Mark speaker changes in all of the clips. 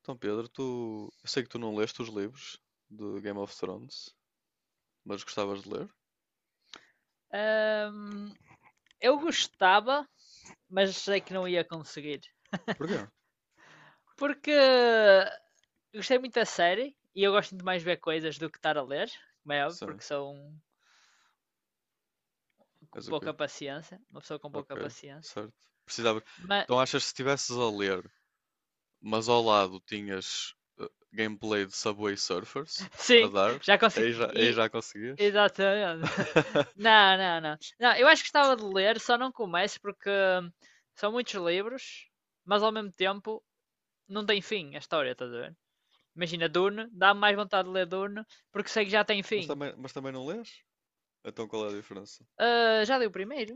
Speaker 1: Então, Pedro, tu. Eu sei que tu não leste os livros de Game of Thrones, mas gostavas de ler?
Speaker 2: Ahm, eu gostava, mas sei que não ia conseguir.
Speaker 1: Porquê?
Speaker 2: Porque gostei muito da série e eu gosto muito mais de ver coisas do que estar a ler, como é óbvio,
Speaker 1: Sim.
Speaker 2: porque sou um com
Speaker 1: És o quê?
Speaker 2: pouca paciência, uma pessoa com pouca
Speaker 1: Ok,
Speaker 2: paciência.
Speaker 1: certo. Precisava.
Speaker 2: Mas
Speaker 1: Então, achas que se estivesses a ler, mas ao lado tinhas gameplay de Subway Surfers a
Speaker 2: sim,
Speaker 1: dar,
Speaker 2: já consegui.
Speaker 1: aí já, aí
Speaker 2: E
Speaker 1: já conseguias?
Speaker 2: exatamente. Não, não, não. Não, eu acho que gostava de ler, só não começo porque são muitos livros, mas ao mesmo tempo não tem fim a história, estás a ver? Imagina, Dune, dá mais vontade de ler Dune, porque sei que já tem
Speaker 1: Mas
Speaker 2: fim.
Speaker 1: também, mas também não lês? Então qual é a diferença?
Speaker 2: Ah, já li o primeiro?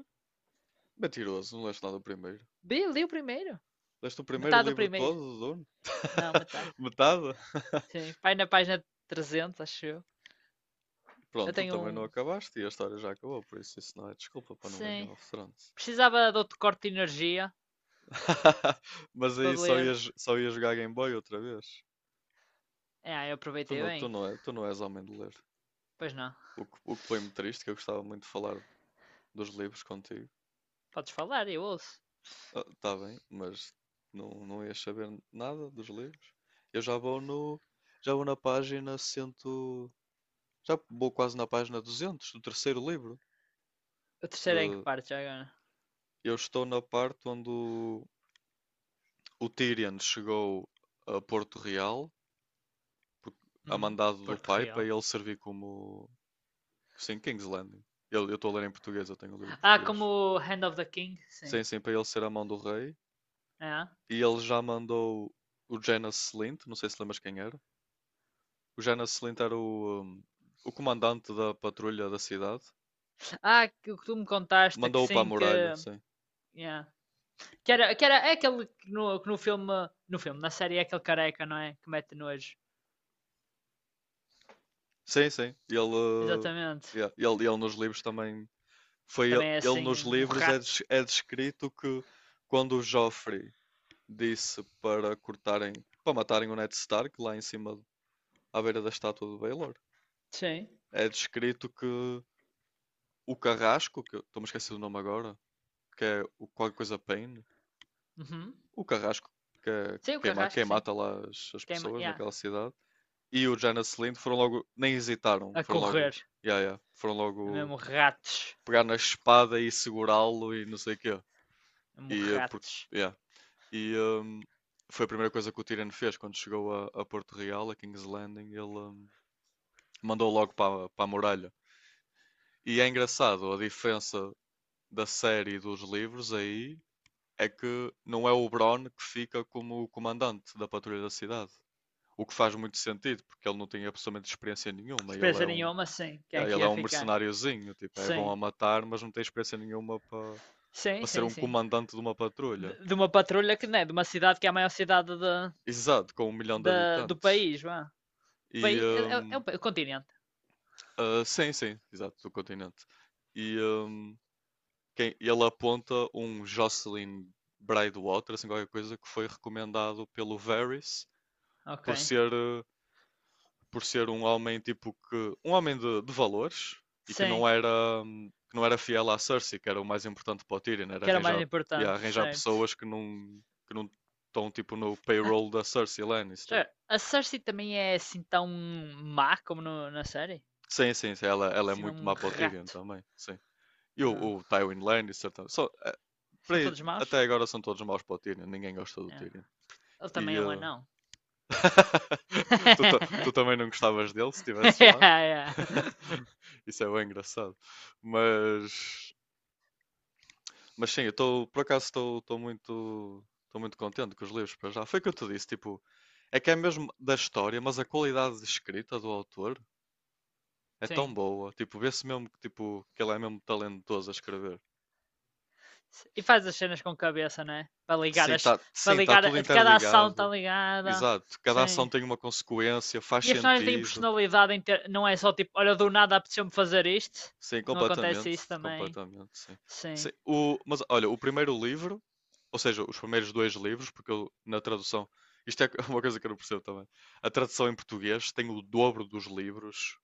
Speaker 1: Mentiroso, não leste nada do primeiro.
Speaker 2: Bi, li o primeiro.
Speaker 1: Leste o primeiro
Speaker 2: Metade do
Speaker 1: livro
Speaker 2: primeiro.
Speaker 1: todo do Dune?
Speaker 2: Não, metade.
Speaker 1: Metade?
Speaker 2: Sim, vai na página 300, acho eu. Eu
Speaker 1: Pronto, tu
Speaker 2: tenho
Speaker 1: também não
Speaker 2: um...
Speaker 1: acabaste e a história já acabou, por isso não é desculpa para não ler
Speaker 2: Sim.
Speaker 1: Game of Thrones.
Speaker 2: Precisava de outro corte de energia
Speaker 1: Mas aí
Speaker 2: para
Speaker 1: só
Speaker 2: ler.
Speaker 1: ias, só ias jogar Game Boy outra vez.
Speaker 2: Ah, eu
Speaker 1: Tu
Speaker 2: aproveitei
Speaker 1: não, tu
Speaker 2: bem.
Speaker 1: não, é, tu não és homem de ler.
Speaker 2: Pois não.
Speaker 1: O que põe-me triste, que eu gostava muito de falar dos livros contigo.
Speaker 2: Podes falar, eu ouço.
Speaker 1: Está bem, mas não ias saber nada dos livros. Eu já vou no, já vou na página 100, já vou quase na página 200 do terceiro livro.
Speaker 2: O terceiro é em que
Speaker 1: De,
Speaker 2: parte já agora?
Speaker 1: eu estou na parte onde o Tyrion chegou a Porto Real por- a
Speaker 2: Hum,
Speaker 1: mandado do
Speaker 2: Porto
Speaker 1: pai para
Speaker 2: Real.
Speaker 1: ele servir como. Sim, King's Landing. Eu estou a ler em português, eu tenho o livro em
Speaker 2: Ah,
Speaker 1: português.
Speaker 2: como Hand of the King, sim.
Speaker 1: Sim, sim, para ele ser a mão do rei.
Speaker 2: Ah,
Speaker 1: E ele já mandou o Janas Slint, não sei se lembras quem era. O Janas Slint era o comandante da patrulha da cidade.
Speaker 2: ah que o ah, que tu me contaste, que
Speaker 1: Mandou-o para a
Speaker 2: sim,
Speaker 1: muralha,
Speaker 2: que...
Speaker 1: sim.
Speaker 2: Yeah. Que era é aquele que no filme, no filme, na série é aquele careca, não é? Que mete nojo.
Speaker 1: Sim, sim. Ele, uh,
Speaker 2: Exatamente.
Speaker 1: yeah, ele, ele nos livros também. Foi ele,
Speaker 2: Também é
Speaker 1: ele
Speaker 2: assim,
Speaker 1: nos
Speaker 2: um
Speaker 1: livros é,
Speaker 2: rato.
Speaker 1: des- é descrito que quando o Joffrey disse para cortarem, para matarem o Ned Stark lá em cima, à beira da estátua do Baelor.
Speaker 2: Sim.
Speaker 1: É descrito que o Carrasco, que eu estou-me a esquecer do nome agora, que é o qualquer coisa Pain,
Speaker 2: Uhum.
Speaker 1: o Carrasco, que é
Speaker 2: Sim, o
Speaker 1: quem
Speaker 2: carrasco, sim.
Speaker 1: mata lá as
Speaker 2: Queima,
Speaker 1: pessoas
Speaker 2: yeah.
Speaker 1: naquela cidade, e o Janet Lind foram logo, nem hesitaram,
Speaker 2: A
Speaker 1: foram logo,
Speaker 2: correr.
Speaker 1: yeah, yeah, foram
Speaker 2: É
Speaker 1: logo
Speaker 2: mesmo ratos.
Speaker 1: pegar na espada e segurá-lo e não sei o quê.
Speaker 2: É mesmo
Speaker 1: E, eh,
Speaker 2: ratos.
Speaker 1: yeah. E, hum, Foi a primeira coisa que o Tyrion fez quando chegou a Porto Real, a King's Landing. Ele, mandou logo para a muralha. E é engraçado, a diferença da série e dos livros aí é que não é o Bron que fica como o comandante da patrulha da cidade. O que faz muito sentido, porque ele não tem absolutamente experiência nenhuma. Ele é
Speaker 2: Experiência
Speaker 1: um,
Speaker 2: nenhuma, sim. Quem é
Speaker 1: yeah,
Speaker 2: que
Speaker 1: ele é
Speaker 2: ia
Speaker 1: um
Speaker 2: ficar?
Speaker 1: mercenáriozinho, tipo, é bom a
Speaker 2: Sim.
Speaker 1: matar, mas não tem experiência nenhuma para
Speaker 2: Sim,
Speaker 1: ser
Speaker 2: sim,
Speaker 1: um
Speaker 2: sim.
Speaker 1: comandante de uma patrulha.
Speaker 2: De uma patrulha que, não é De uma cidade que é a maior cidade da
Speaker 1: Exato, com um milhão de
Speaker 2: da- do
Speaker 1: habitantes.
Speaker 2: país, vá.
Speaker 1: E
Speaker 2: País é, é- é
Speaker 1: hum,
Speaker 2: o, continente.
Speaker 1: ah, sim, sim, exato, do continente. E hum, Ele aponta um Jocelyn Braidwater, assim qualquer coisa, que foi recomendado pelo Varys
Speaker 2: Ok.
Speaker 1: por ser, eh, por ser um homem tipo que. Um homem de valores e que
Speaker 2: Sim.
Speaker 1: não era, hum, que não era fiel à Cersei, que era o mais importante para o Tyrion, era
Speaker 2: Que era mais
Speaker 1: arranjar, ia
Speaker 2: importante,
Speaker 1: arranjar
Speaker 2: certo.
Speaker 1: pessoas que não estão tipo no payroll da Cersei Lannister.
Speaker 2: Já, a Cersei também é assim tão má como no- na série?
Speaker 1: Sim, sim, sim, ela é
Speaker 2: Assim, é
Speaker 1: muito
Speaker 2: um
Speaker 1: má para o Tyrion
Speaker 2: rato.
Speaker 1: também, sim. E o
Speaker 2: Ah,
Speaker 1: Tywin Lannister também. Só,
Speaker 2: são todos
Speaker 1: até
Speaker 2: maus?
Speaker 1: agora são todos maus para o Tyrion, ninguém gosta do
Speaker 2: É.
Speaker 1: Tyrion.
Speaker 2: Ele
Speaker 1: E,
Speaker 2: também é um
Speaker 1: eh,
Speaker 2: anão.
Speaker 1: tu também não gostavas dele se estivesses
Speaker 2: Yeah,
Speaker 1: lá?
Speaker 2: yeah.
Speaker 1: Isso é bem engraçado. Mas, mas sim, eu estou, por acaso, estou muito contente com os livros para já. Foi o que eu te disse, tipo, é que é mesmo da história, mas a qualidade de escrita do autor é
Speaker 2: Sim.
Speaker 1: tão boa. Tipo, vê-se mesmo que, tipo, que ele é mesmo talentoso a escrever.
Speaker 2: E faz as cenas com cabeça, né? Para ligar
Speaker 1: Sim,
Speaker 2: as.
Speaker 1: está
Speaker 2: Para
Speaker 1: sim, tá
Speaker 2: ligar. A...
Speaker 1: tudo
Speaker 2: Cada ação está
Speaker 1: interligado.
Speaker 2: ligada.
Speaker 1: Exato. Cada ação
Speaker 2: Sim.
Speaker 1: tem uma consequência, faz
Speaker 2: E as personagens têm
Speaker 1: sentido.
Speaker 2: personalidade. Em ter... Não é só tipo, olha, do nada apeteceu-me fazer isto.
Speaker 1: Sim,
Speaker 2: Não acontece
Speaker 1: completamente,
Speaker 2: isso também.
Speaker 1: completamente, sim.
Speaker 2: Sim.
Speaker 1: Sim, mas olha, o primeiro livro, ou seja, os primeiros dois livros, porque eu, na tradução, isto é uma coisa que eu não percebo também. A tradução em português tem o dobro dos livros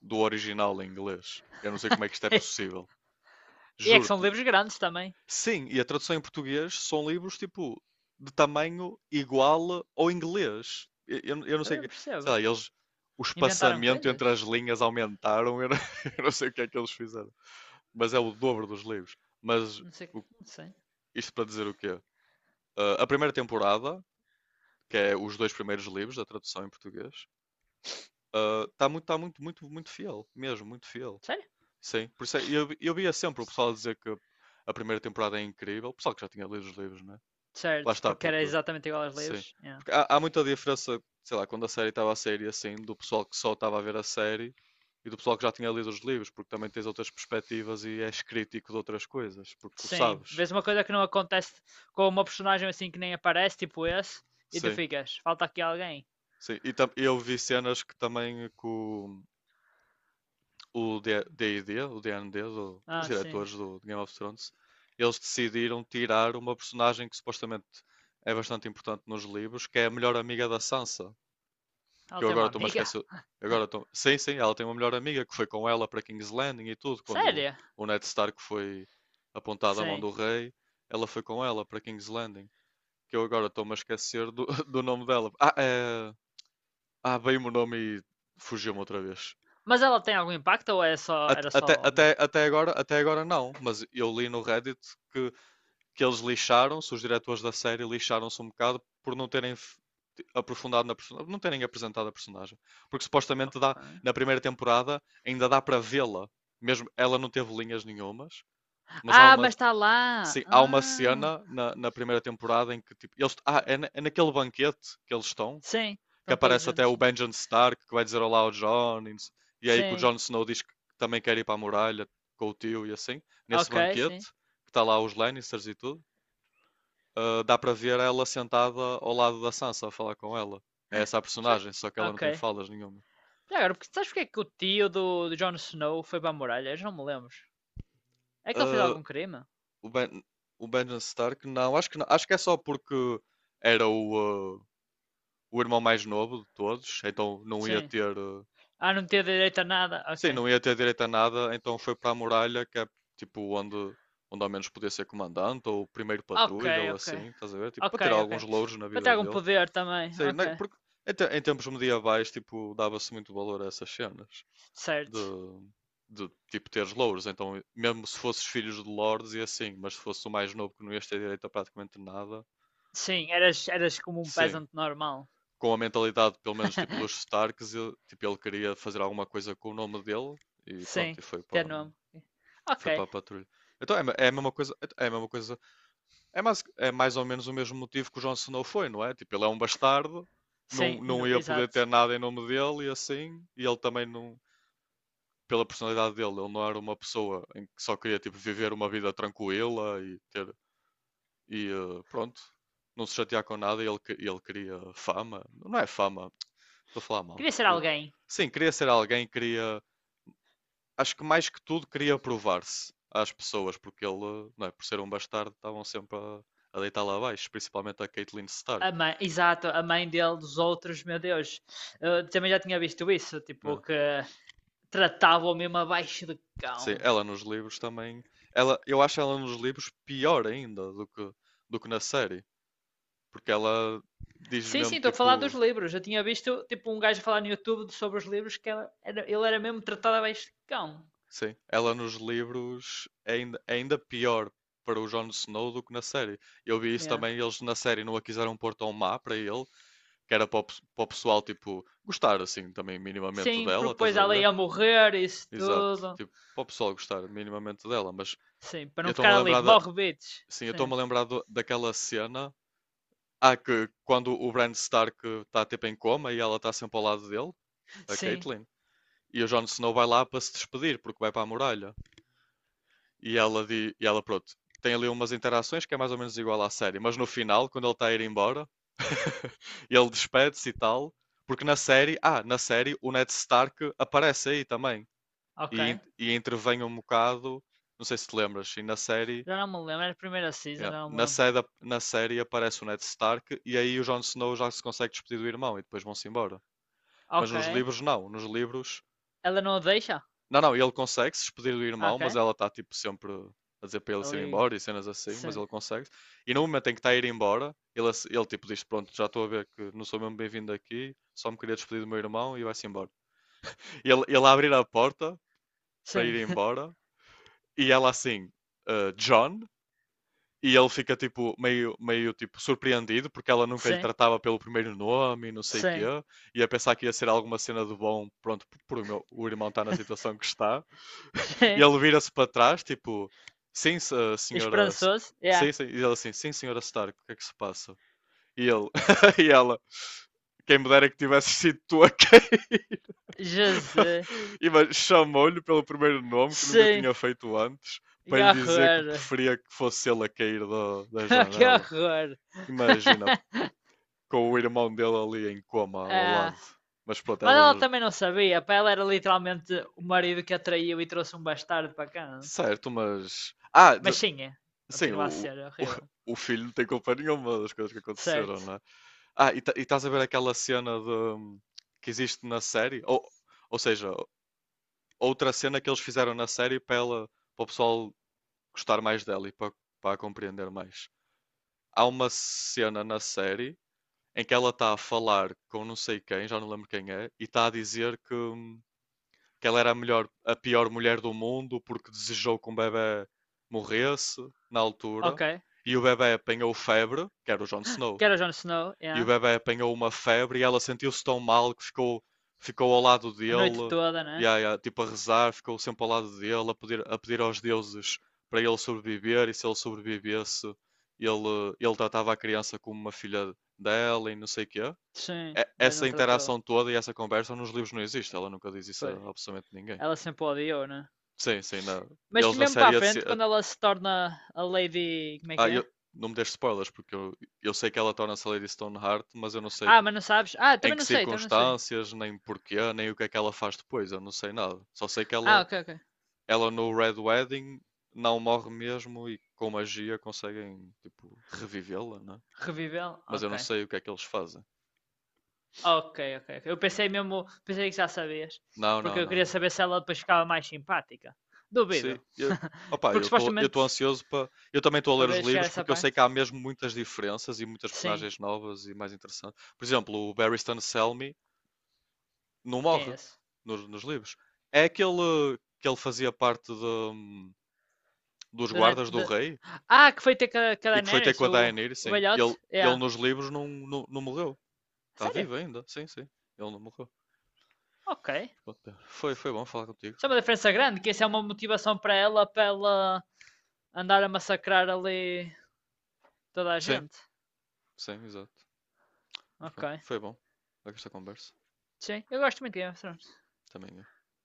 Speaker 1: do original em inglês. Eu não sei como é que isto é possível.
Speaker 2: e é que são
Speaker 1: Juro-te.
Speaker 2: livros grandes também.
Speaker 1: Sim, e a tradução em português são livros tipo de tamanho igual ao inglês. Eu não sei,
Speaker 2: Também não
Speaker 1: sei
Speaker 2: percebo.
Speaker 1: lá, eles o
Speaker 2: Inventaram
Speaker 1: espaçamento entre as
Speaker 2: coisas?
Speaker 1: linhas aumentaram, eu não, eu não sei o que é que eles fizeram mas é o dobro dos livros. Mas
Speaker 2: Não sei,
Speaker 1: o-
Speaker 2: não sei.
Speaker 1: isto para dizer o quê? Ah, a primeira temporada, que é os dois primeiros livros da tradução em português, está muito, muito, muito fiel, mesmo, muito fiel.
Speaker 2: Sério?
Speaker 1: Sim, por isso eu via sempre o pessoal dizer que a primeira temporada é incrível, o pessoal que já tinha lido os livros, né? Lá
Speaker 2: Certo,
Speaker 1: está,
Speaker 2: porque era
Speaker 1: porque,
Speaker 2: exatamente igual aos
Speaker 1: sim.
Speaker 2: livros. Yeah.
Speaker 1: Porque há, há muita diferença, sei lá, quando a série estava a sair e assim, do pessoal que só estava a ver a série e do pessoal que já tinha lido os livros, porque também tens outras perspectivas e és crítico de outras coisas, porque tu
Speaker 2: Sim,
Speaker 1: sabes.
Speaker 2: vês uma coisa que não acontece com uma personagem assim que nem aparece, tipo esse, e tu
Speaker 1: Sim.
Speaker 2: ficas, falta aqui alguém.
Speaker 1: Sim, e eu vi cenas que também que o D&D, o D and D os
Speaker 2: Ah, sim.
Speaker 1: diretores do Game of Thrones, eles decidiram tirar uma personagem que supostamente é bastante importante nos livros, que é a melhor amiga da Sansa, que
Speaker 2: Ela
Speaker 1: eu
Speaker 2: tem
Speaker 1: agora
Speaker 2: uma
Speaker 1: estou-me a
Speaker 2: amiga?
Speaker 1: esquecer... Agora estou... Sim, sim, ela tem uma melhor amiga que foi com ela para King's Landing e tudo, quando
Speaker 2: Sério?
Speaker 1: o Ned Stark foi apontado à mão
Speaker 2: Sim.
Speaker 1: do rei, ela foi com ela para King's Landing, que eu agora estou-me a esquecer do, do nome dela. Ah, é... Ah, veio-me o nome e fugiu-me outra vez.
Speaker 2: Mas ela tem algum impacto ou é só,
Speaker 1: At-
Speaker 2: era
Speaker 1: Até,
Speaker 2: só homem?
Speaker 1: até, até agora, até agora não, mas eu li no Reddit que, que eles lixaram-se, os diretores da série lixaram-se um bocado por não terem aprofundado na personagem, não terem apresentado a personagem. Porque supostamente dá,
Speaker 2: Ok.
Speaker 1: na primeira temporada ainda dá para vê-la, mesmo ela não teve linhas nenhumas, mas há
Speaker 2: Ah,
Speaker 1: uma,
Speaker 2: mas está lá!
Speaker 1: sim, há uma
Speaker 2: Ah,
Speaker 1: cena na primeira temporada em que tipo, eles, ah, é naquele banquete que eles estão
Speaker 2: sim,
Speaker 1: que
Speaker 2: estão todos
Speaker 1: aparece até
Speaker 2: juntos,
Speaker 1: o
Speaker 2: sim.
Speaker 1: Benjen Stark, que vai dizer olá ao John, e, aí que o
Speaker 2: Sim,
Speaker 1: Jon Snow diz que também quer ir para a muralha com o tio e assim, nesse
Speaker 2: ok, sim.
Speaker 1: banquete, que está lá os Lannisters e tudo, ah, dá para ver ela sentada ao lado da Sansa a falar com ela. É essa a
Speaker 2: Já...
Speaker 1: personagem, só que ela não
Speaker 2: Ok.
Speaker 1: tem falas nenhuma.
Speaker 2: Já agora, porque sabes porque é que o tio do, do Jon Snow foi para a muralha? Eu já não me lembro. É que ele fez
Speaker 1: Ah,
Speaker 2: algum crime?
Speaker 1: o, o Benjen Stark, não, acho que não, acho que é só porque era o irmão mais novo de todos, então não ia
Speaker 2: Sim.
Speaker 1: ter.
Speaker 2: Ah, não tinha direito a nada?
Speaker 1: Sim,
Speaker 2: Ok.
Speaker 1: não ia ter direito a nada, então foi para a muralha, que é tipo onde, onde ao menos podia ser comandante ou primeiro
Speaker 2: Ok,
Speaker 1: patrulha ou
Speaker 2: ok.
Speaker 1: assim, estás a ver? Tipo, para
Speaker 2: Ok,
Speaker 1: ter
Speaker 2: ok.
Speaker 1: alguns louros na
Speaker 2: Para ter
Speaker 1: vida
Speaker 2: algum
Speaker 1: dele.
Speaker 2: poder também.
Speaker 1: Sei,
Speaker 2: Ok.
Speaker 1: né, porque em tempos medievais, tipo, dava-se muito valor a essas cenas de,
Speaker 2: Certo.
Speaker 1: de tipo teres louros. Então, mesmo se fosses filhos de lords e assim, mas se fosse o mais novo que não ias ter direito a praticamente nada,
Speaker 2: Sim, eras, eras como um
Speaker 1: sim.
Speaker 2: peasant normal.
Speaker 1: Com a mentalidade, pelo menos, tipo, dos Starks, ele, tipo, ele queria fazer alguma coisa com o nome dele e pronto,
Speaker 2: Sim,
Speaker 1: e foi
Speaker 2: ter
Speaker 1: para
Speaker 2: nome.
Speaker 1: Foi
Speaker 2: Ok.
Speaker 1: para a patrulha. Então é a mesma coisa, é a mesma coisa. É mais ou menos o mesmo motivo que o Jon Snow foi, não é? Tipo, ele é um bastardo,
Speaker 2: Sim,
Speaker 1: não, não
Speaker 2: no-
Speaker 1: ia poder
Speaker 2: exato.
Speaker 1: ter nada em nome dele e assim, e ele também não, pela personalidade dele, ele não era uma pessoa em que só queria tipo viver uma vida tranquila e ter e pronto, não se chatear com nada, e ele queria fama. Não é fama, estou a falar mal.
Speaker 2: Queria ser alguém.
Speaker 1: Sim, queria ser alguém, queria acho que mais que tudo queria provar-se às pessoas, porque ele, não é, por ser um bastardo, estavam sempre a deitar lá abaixo, principalmente a Caitlyn Stark.
Speaker 2: A mãe, exato, a mãe dele, dos outros, meu Deus. Eu também já tinha visto isso, tipo,
Speaker 1: Né?
Speaker 2: que tratavam mesmo abaixo de
Speaker 1: Sim,
Speaker 2: cão.
Speaker 1: ela nos livros também. Eu acho ela nos livros pior ainda do que, na série, porque ela diz
Speaker 2: Sim, sim,
Speaker 1: mesmo
Speaker 2: estou a falar dos
Speaker 1: tipo:
Speaker 2: livros. Eu tinha visto tipo um gajo a falar no YouTube de- sobre os livros que ela- era- ele era mesmo tratado a beijão.
Speaker 1: Sim, ela nos livros é ainda pior para o Jon Snow do que na série. Eu vi isso
Speaker 2: Yeah.
Speaker 1: também, eles na série não a quiseram pôr tão má para ele, que era para o, para o pessoal, tipo, gostar assim também minimamente
Speaker 2: Sim,
Speaker 1: dela,
Speaker 2: porque
Speaker 1: estás
Speaker 2: depois
Speaker 1: a
Speaker 2: ela
Speaker 1: ver?
Speaker 2: ia morrer, isso
Speaker 1: Exato,
Speaker 2: tudo.
Speaker 1: tipo, para o pessoal gostar minimamente dela, mas
Speaker 2: Sim, para
Speaker 1: eu
Speaker 2: não
Speaker 1: estou-me a
Speaker 2: ficar ali,
Speaker 1: lembrar
Speaker 2: morre, bitch.
Speaker 1: sim, eu
Speaker 2: Sim,
Speaker 1: estou-me a lembrar daquela cena, ah, que quando o Bran Stark está tipo em coma e ela está sempre ao lado dele, a
Speaker 2: sim,
Speaker 1: Catelyn, e o Jon Snow vai lá para se despedir porque vai para a muralha. E ela, e ela, pronto, tem ali umas interações que é mais ou menos igual à série, mas no final, quando ele está a ir embora, ele despede-se e tal, porque na série, na série o Ned Stark aparece aí também
Speaker 2: ok.
Speaker 1: e, e intervém um bocado, não sei se te lembras, e na série,
Speaker 2: Já não me lembro, era a primeira season,
Speaker 1: yeah,
Speaker 2: já não me lembro.
Speaker 1: na série aparece o Ned Stark e aí o Jon Snow já se consegue despedir do irmão e depois vão-se embora. Mas
Speaker 2: Ok.
Speaker 1: nos livros não, nos livros
Speaker 2: Ela não a deixa?
Speaker 1: não, não, ele consegue se despedir do
Speaker 2: Ah,
Speaker 1: irmão,
Speaker 2: ok.
Speaker 1: mas ela está tipo sempre a dizer para ele se ir
Speaker 2: Ali.
Speaker 1: embora e cenas assim, mas
Speaker 2: Sim,
Speaker 1: ele consegue. E no momento em que está a ir embora, ele, ele tipo diz: pronto, já estou a ver que não sou mesmo bem-vindo aqui, só me queria despedir do meu irmão e vai-se embora. Ele abrir a porta para
Speaker 2: sim,
Speaker 1: ir embora e ela assim, "Ah, John." E ele fica tipo meio, meio tipo surpreendido porque ela nunca lhe
Speaker 2: sim,
Speaker 1: tratava pelo primeiro nome e não sei o quê,
Speaker 2: sim,
Speaker 1: e a pensar que ia ser alguma cena de bom, pronto, por o o irmão estar na situação que está. E
Speaker 2: sim.
Speaker 1: ele vira-se para trás, tipo, sim, a senhora.
Speaker 2: Esperançoso? Yeah.
Speaker 1: Sim, sim. E ela assim, sim, senhora Stark, o que é que se passa? E ele, e ela, quem me dera que tivesse sido tu a cair.
Speaker 2: Jesus.
Speaker 1: E mas chamou-lhe pelo primeiro nome que nunca
Speaker 2: Sim.
Speaker 1: tinha feito antes, para
Speaker 2: E
Speaker 1: lhe dizer que
Speaker 2: horror.
Speaker 1: preferia que fosse ele a cair da, da
Speaker 2: Que
Speaker 1: janela.
Speaker 2: horror!
Speaker 1: Imagina, com o irmão dele ali em coma ao
Speaker 2: Ah,
Speaker 1: lado. Mas pronto,
Speaker 2: mas
Speaker 1: ela...
Speaker 2: ela
Speaker 1: não.
Speaker 2: também não sabia, para ela era literalmente o marido que a traiu e trouxe um bastardo para cá. Não?
Speaker 1: Certo, mas...
Speaker 2: Mas sim, é.
Speaker 1: Sim,
Speaker 2: Continua a ser
Speaker 1: o,
Speaker 2: horrível.
Speaker 1: o filho não tem culpa nenhuma das coisas que aconteceram,
Speaker 2: Certo.
Speaker 1: não é? E, e estás a ver aquela cena de, que existe na série? Ou seja, outra cena que eles fizeram na série para ela, para o pessoal gostar mais dela e para, para a compreender mais. Há uma cena na série em que ela está a falar com não sei quem, já não lembro quem é, e está a dizer que ela era a melhor, a pior mulher do mundo porque desejou que um bebê morresse na altura
Speaker 2: Ok.
Speaker 1: e o bebê apanhou febre, que era o Jon Snow.
Speaker 2: Que era o Jon Snow,
Speaker 1: E o
Speaker 2: yeah.
Speaker 1: bebê apanhou uma febre e ela sentiu-se tão mal que ficou, ficou ao lado
Speaker 2: A noite
Speaker 1: dele,
Speaker 2: toda,
Speaker 1: e
Speaker 2: né?
Speaker 1: yeah, tipo a rezar, ficou sempre ao lado dele, a pedir aos deuses para ele sobreviver e se ele sobrevivesse, ele tratava a criança como uma filha dela e não sei o quê.
Speaker 2: Sim, mas não
Speaker 1: Essa
Speaker 2: tratou.
Speaker 1: interação toda e essa conversa nos livros não existe, ela nunca diz isso
Speaker 2: Pois.
Speaker 1: a absolutamente ninguém.
Speaker 2: Ela sempre odiou, né?
Speaker 1: Sim, sim. Na...
Speaker 2: Mas
Speaker 1: Eles na
Speaker 2: mesmo para a
Speaker 1: série, a se-
Speaker 2: frente,
Speaker 1: a-
Speaker 2: quando ela se torna a Lady. Como é que
Speaker 1: ah, eu...
Speaker 2: é?
Speaker 1: Não me deixes spoilers, porque eu sei que ela torna-se a Lady Stoneheart, mas eu não sei
Speaker 2: Ah,
Speaker 1: tipo,
Speaker 2: mas não sabes? Ah,
Speaker 1: em
Speaker 2: também
Speaker 1: que
Speaker 2: não sei, também não sei.
Speaker 1: circunstâncias, nem porquê, nem o que é que ela faz depois. Eu não sei nada. Só sei que
Speaker 2: Ah,
Speaker 1: ela,
Speaker 2: ok, ok.
Speaker 1: ela no Red Wedding não morre mesmo e com magia conseguem tipo revivê-la, né?
Speaker 2: Reviveu?
Speaker 1: Mas eu
Speaker 2: Ok.
Speaker 1: não sei o que é que eles fazem.
Speaker 2: Ok, ok, ok. Eu pensei mesmo, pensei que já sabias,
Speaker 1: Não,
Speaker 2: porque
Speaker 1: não,
Speaker 2: eu queria
Speaker 1: não.
Speaker 2: saber se ela depois ficava mais simpática.
Speaker 1: Sim,
Speaker 2: Duvido.
Speaker 1: eu, opa,
Speaker 2: Porque
Speaker 1: eu estou eu
Speaker 2: supostamente,
Speaker 1: estou ansioso para... Eu também estou a
Speaker 2: para
Speaker 1: ler os
Speaker 2: ver chegar a
Speaker 1: livros
Speaker 2: essa
Speaker 1: porque eu sei que
Speaker 2: parte.
Speaker 1: há mesmo muitas diferenças e muitas
Speaker 2: Sim,
Speaker 1: personagens novas e mais interessantes. Por exemplo, o Barristan Selmy não
Speaker 2: quem é
Speaker 1: morre
Speaker 2: esse?
Speaker 1: nos livros. É aquele que ele fazia parte de, dos
Speaker 2: Do Night-
Speaker 1: guardas do
Speaker 2: do-
Speaker 1: rei
Speaker 2: Ah, que foi ter com a
Speaker 1: e que foi ter
Speaker 2: Daenerys,
Speaker 1: com a Daenerys,
Speaker 2: o
Speaker 1: sim.
Speaker 2: velhote?
Speaker 1: Ele
Speaker 2: Yeah.
Speaker 1: nos livros não, não, não morreu. Está
Speaker 2: Sério?
Speaker 1: vivo ainda, sim, sim. Ele não morreu.
Speaker 2: Ok.
Speaker 1: Mas pronto, é... foi, foi bom falar contigo.
Speaker 2: Isso é uma diferença grande, que isso é uma motivação para ela andar a massacrar ali toda a
Speaker 1: Sim,
Speaker 2: gente.
Speaker 1: sim, exato. Mas
Speaker 2: Ok.
Speaker 1: pronto, foi bom. Esta conversa
Speaker 2: Sim, eu gosto muito de Game of Thrones.
Speaker 1: também. Eu...